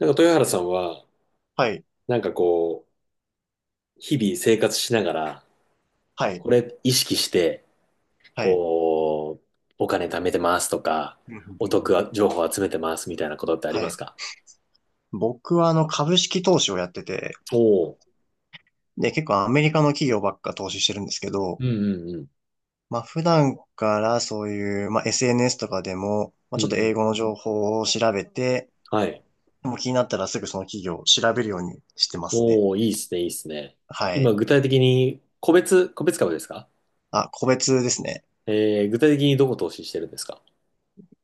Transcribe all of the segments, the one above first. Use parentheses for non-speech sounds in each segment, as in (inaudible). なんか豊原さんは、はい、なんかこう、日々生活しながら、はい、これ意識して、はい、こう、お金貯めてますとか、うん、うん、うおん、うん、得情報集めてますみたいなことってありはますい。か？僕は株式投資をやってて、おおー、で、結構アメリカの企業ばっか投資してるんですけど、うんうんうん。まあ普段からそういう、まあ SNS とかでも、まあうちんょうっと英ん。語の情報を調べて、はい。もう気になったらすぐその企業を調べるようにしてますね。おお、いいっすね、いいっすね。は今、い。具体的に、個別株ですか？あ、個別ですね。具体的にどこ投資してるんですか？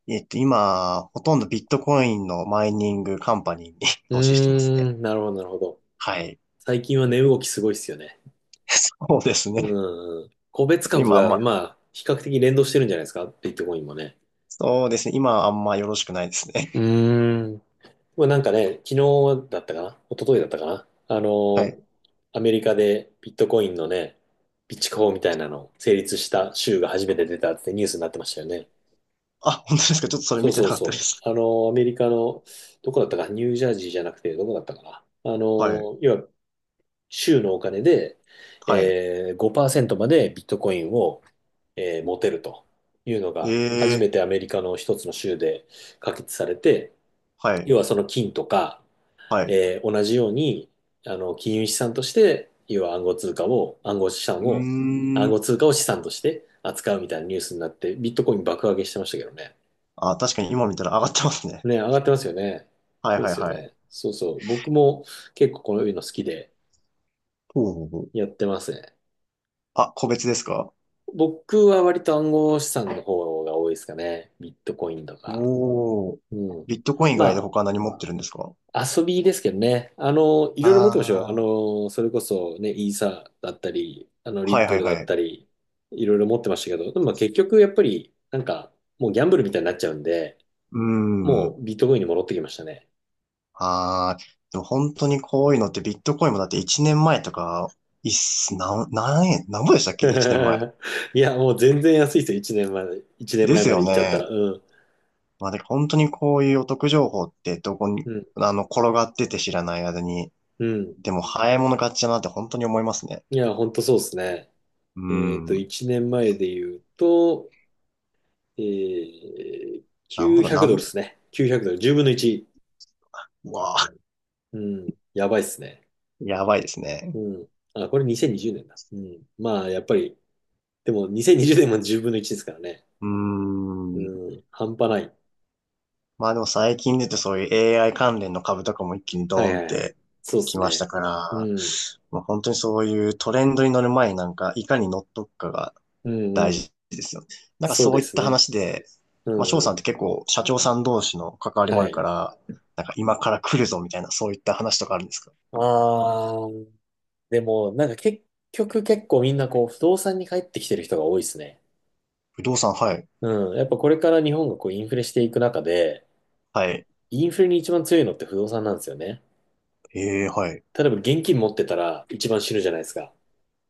今、ほとんどビットコインのマイニングカンパニーに (laughs) う投資してますね。ーん、なるほど、なるほど。はい。最近は値動きすごいっすよね。(laughs) そうですうね。んうん。個別株今あんが、ま、まあ、比較的連動してるんじゃないですかビットコインもね。そうですね。今あんまよろしくないですね。うーん。まあ、なんかね、昨日だったかな一昨日だったかなはい。アメリカでビットコインのね、備蓄法みたいなの成立した州が初めて出たってニュースになってましたよね。あ、本当ですか？ちょっとそれそう見てそなうかったでそす。う。あの、アメリカの、どこだったか、ニュージャージーじゃなくて、どこだったかな。はい。要は、州のお金で、はい。5%までビットコインを、持てるというのが、初えめえ、てアメリカの一つの州で可決されて、は要い。はその金とか、はい。同じように、金融資産として、要はうー暗号ん。通貨を資産として扱うみたいなニュースになって、ビットコイン爆上げしてましたけどね。あ、確かに今見たら上がってますね。ね、上がってますよね。はい、そうはでい、すよはい。ね。そうそう。僕も結構こういうの好きでほう、ほう、ほやう。ってますね。あ、個別ですか？僕は割と暗号資産の方が多いですかね。ビットコインとか。おー。うん。ビットコイン以外でま他何持ってるんですか？遊びですけどね。いあろいろ持ってましたよ。あー。それこそね、イーサだったり、リはッい、プはい、ルだはったい。り、いろいろ持ってましたけど、でもまあ結局やっぱり、なんか、もうギャンブルみたいになっちゃうんで、うーもん。うビットコインに戻ってきましたね。ああ。でも本当にこういうのってビットコインもだって1年前とか、いっす、なん、何円、何ぼでしたっけ ?1 年前。(laughs) いや、もう全然安いですよ。1年前、一年で前すまえまでよ行っちゃったら。ね。うん。まあで、本当にこういうお得情報ってどこうに、ん。転がってて知らない間に、うん。でも早い者勝ちだなって本当に思いますね。いや、ほんとそうですね。うーん。1年前で言うと、なんぼだ、900ドルですね。9 0ドル。10分の1。うわあ、うん。やばいっすね。やばいですうね。ん。あ、これ2020年だ。うん。まあ、やっぱり、でも2020年も10分の1ですからね。うーん。うん。半端ない。まあでも最近出てそういう AI 関連の株とかも一気にはドいーはンっいはい。てそうできすましたね。から、うん。まあ、本当にそういうトレンドに乗る前になんか、いかに乗っとくかがうん大うん。事ですよね。なんかそうそうでいっすたね。話で、うまあ、翔んうさんっん。て結構社長さん同士の関わりもはあるかい。ら、なんか今から来るぞみたいな、そういった話とかあるんですか？ああ、でも、なんか結局結構みんなこう、不動産に帰ってきてる人が多いですね。不動産、はい、うん。やっぱこれから日本がこう、インフレしていく中で、はい、インフレに一番強いのって不動産なんですよね。ええ、はい、例えば現金持ってたら一番死ぬじゃないですか。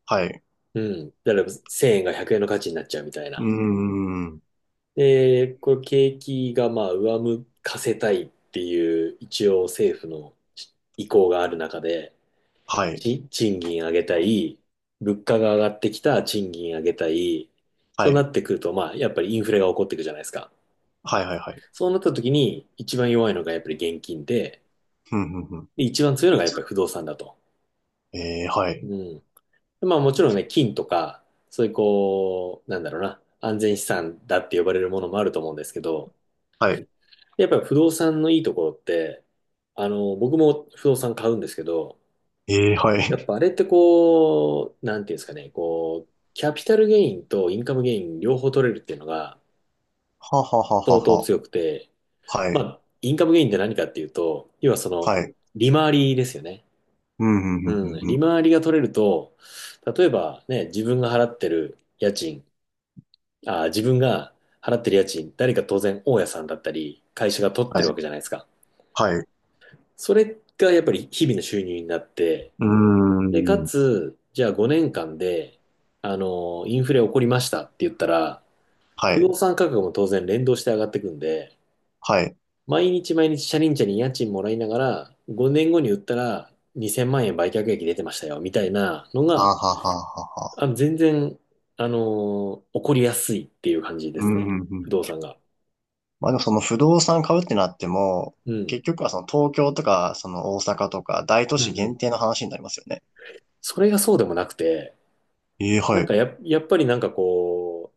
はい、うん。例えば1000円が100円の価値になっちゃうみたいうーな。ん、で、これ景気がまあ上向かせたいっていう一応政府の意向がある中で、はい、賃金上げたい、物価が上がってきたら賃金上げたい、はそうない、ってくると、まあ、やっぱりインフレが起こっていくじゃないですか。はい、はい、はい、そうなった時に、一番弱いのがやっぱり現金で、うん、うん、うん。で一番強いのがやっぱり不動産だと。ええ、はうい、ん。でまあもちろんね、金とか、そういうこう、なんだろうな、安全資産だって呼ばれるものもあると思うんですけど、はい、やっぱり不動産のいいところって、僕も不動産買うんですけど、ええ、はやっい、ぱあれってこう、なんていうんですかね、こう、キャピタルゲインとインカムゲイン両方取れるっていうのがはははは相当は、強くて、はまい、あ、インカムゲインって何かっていうと、要はその、はい、利回りですよね。うん、うん、うん、ううん、ん、う利ん、回りが取れると、例えばね、自分が払ってる家賃、誰か当然大家さんだったり、会社が取ってはるわい、けじゃないですか。はい、うそれがやっぱり日々の収入になって、ーで、かん、つ、じゃあ5年間で、インフレ起こりましたって言ったら、は不い、動産価格も当然連動して上がってくんで、はい、毎日毎日チャリンチャリン家賃もらいながら、5年後に売ったら2000万円売却益出てましたよ、みたいなのあが、はははあは、の全然、あのー起こりやすいっていう感じでうすね。ん、うん、う不ん、動産が。まあでもその不動産買うってなっても、うん。結局はその東京とか、その大阪とか、大都う市んう限ん。定の話になりますよね。それがそうでもなくて、ええ、なはんい。かや、やっぱりなんかこ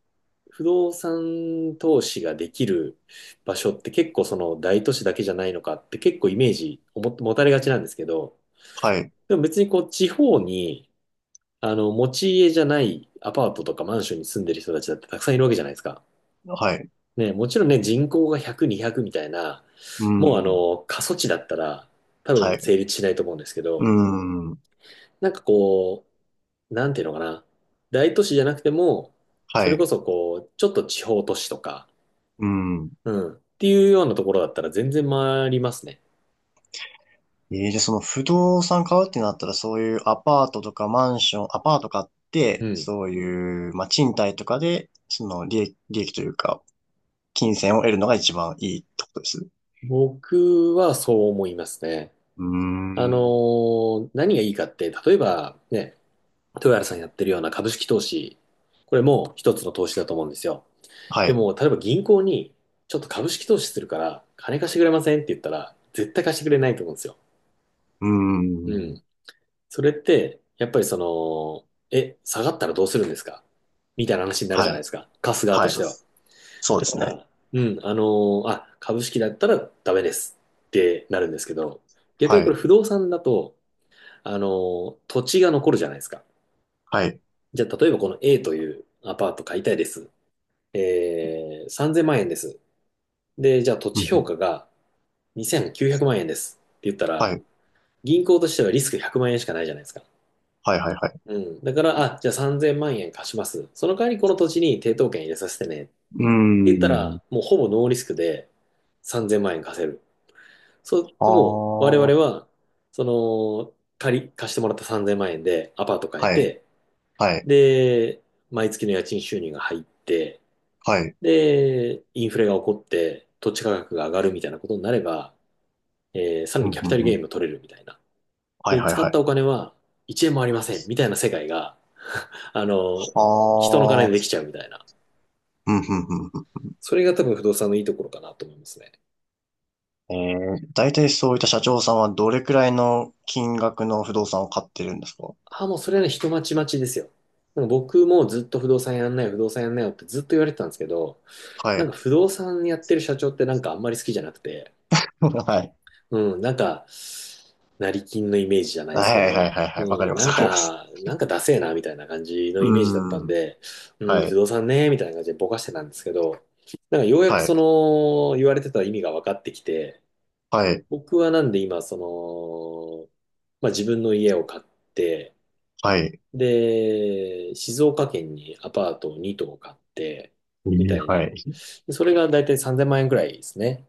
う、不動産投資ができる場所って結構その大都市だけじゃないのかって結構イメージをも持たれがちなんですけど、はい。でも別にこう地方に持ち家じゃないアパートとかマンションに住んでる人たちだってたくさんいるわけじゃないですか。はい。ね、もちろんね人口が100、200みたいな、うもうん。過疎地だったら多は分い。成立しないと思うんですけうど、ん。なんかなんていうのかな。大都市じゃなくても、そはれこい。そこう、ちょっと地方都市とか、うん。うん。っていうようなところだったら全然回りますね。ええ、じゃあその不動産買うってなったら、そういうアパートとかマンション、アパート買っうて、ん。そういう、まあ賃貸とかで、その利益、利益というか、金銭を得るのが一番いいってことです。僕はそう思いますね。うーあのん。何がいいかって、例えばね、豊原さんやってるような株式投資、これも一つの投資だと思うんですよ。はでい。うも、例えば銀行に、ちょっと株式投資するから、金貸してくれませんって言ったら、絶対貸してくれないと思うんですよ。ーうん。ん。それって、やっぱりその、下がったらどうするんですかみたいな話になるはじゃないい。ですか。貸す側とはい。しては。そうですね。うん、株式だったらダメですってなるんですけど、逆にはこれい。不動産だと、土地が残るじゃないですか。はい。じゃあ、例えばこの A というアパート買いたいです。3000万円です。で、じゃあ土う地ん、う評ん。価が2900万円ですって言ったはら、い。銀行としてはリスク100万円しかないじゃないですか。はい、はい、はい。うん。だから、あ、じゃあ3000万円貸します。その代わりこの土地に抵当権入れさせてね。ってうー言ったら、ん。もうほぼノーリスクで3000万円貸せる。そう、ああ。でも我々はは、その、貸してもらった3000万円でアパート買えい。て、はい。で、毎月の家賃収入が入って、はい。で、インフレが起こって土地価格が上がるみたいなことになれば、さらうにん、キャうピタルん、ゲうイん。ンも取れるみたいな。はい、で、はい、使っはたおい。金は1円もありませんみたいな世界が、あの、あ人の金でできあ。ちゃうみたいな。うん、うん、うん、それが多分不動産のいいところかなと思いますね。うん。大体そういった社長さんはどれくらいの金額の不動産を買ってるんですか？ああ、もうそれはね、人待ち待ちですよ。なんか僕もずっと不動産やんないよ、不動産やんないよってずっと言われてたんですけど、はなんい。か不動産やってる社長ってなんかあんまり好きじゃなくて、はい。うん、なんか、成金のイメージじゃ (laughs) ないはですけい、はい、はい、はい、はい、ど、はい、はい、はい、わかうりん、まなす、んわかります。か、なんかダセえなみたいな感じのうイメージだったんーん。で、うん、は不い。動産ね、みたいな感じでぼかしてたんですけど、なんかようやくはそい。の言われてた意味が分かってきて、はい。僕はなんで今、その、まあ、自分の家を買って、はい。で、静岡県にアパートを2棟買って、えみえ、たいはな。い。でそれがだいたい3000万円くらいですね。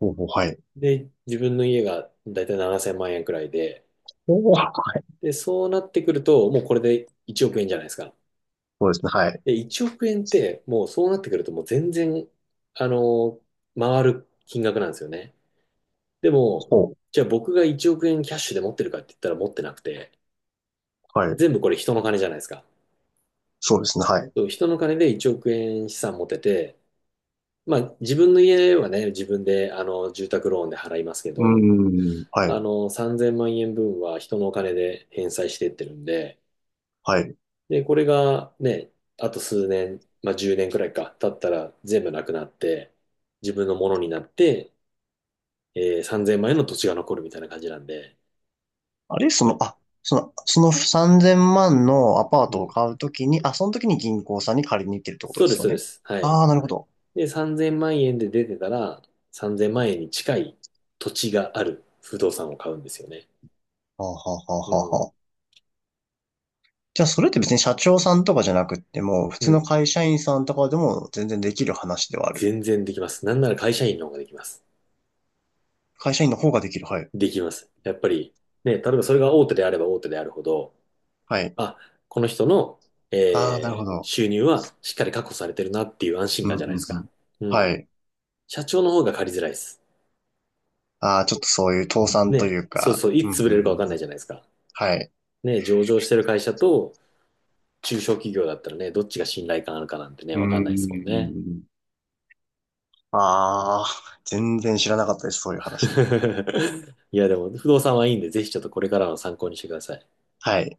ほう、ほう、はい。で、自分の家がだいたい7000万円くらいで、ほう。で、そうなってくると、もうこれで1億円じゃないですか。そうですね、はい。で、1億円って、もうそうなってくると、もう全然、あの、回る金額なんですよね。でも、ほじゃあ僕が1億円キャッシュで持ってるかって言ったら持ってなくて、う。はい。全部これ人の金じゃないですか。そうですね、はい。うそう人の金で1億円資産持てて、まあ自分の家はね、自分で住宅ローンで払いますけーど、ん。はい。3000万円分は人のお金で返済していってるんで、はい。で、これがね、あと数年、まあ10年くらいか、経ったら全部なくなって、自分のものになって、3000万円の土地が残るみたいな感じなんで、あれ、はい、あ、その3000万のアパーうトをん。買うときに、あ、その時に銀行さんに借りに行ってるってことそでうですす、よそうでね。す。はい。ああ、なるほど。で、3000万円で出てたら、3000万円に近い土地がある不動産を買うんですよね。はあ、はあ、はうあ、はあ、ん。はあ。じゃあ、それって別に社長さんとかじゃなくっても、普う通のん。会社員さんとかでも全然できる話ではある。全然できます。なんなら会社員の方ができます。会社員の方ができる。はい。できます。やっぱり、ね、例えばそれが大手であれば大手であるほど、はい。あ、この人の、ああ、なるほど。収入はしっかり確保されてるなっていう安心うん、感うじゃなん、ういですか。ん。うはん。い。社長の方が借りづらいです。ああ、ちょっとそういう倒産とね。いうそうか。そう、ういん、うつ潰れん、るかうわん、かんうないじん。ゃないですか。はい。ね、上場してる会社と中小企業だったらね、どっちが信頼感あるかなんてうね、ーわかんないですもんね。ん。ああ、全然知らなかったです、そういう話。(laughs) いや、でも、不動産はいいんで、ぜひちょっとこれからの参考にしてください。はい。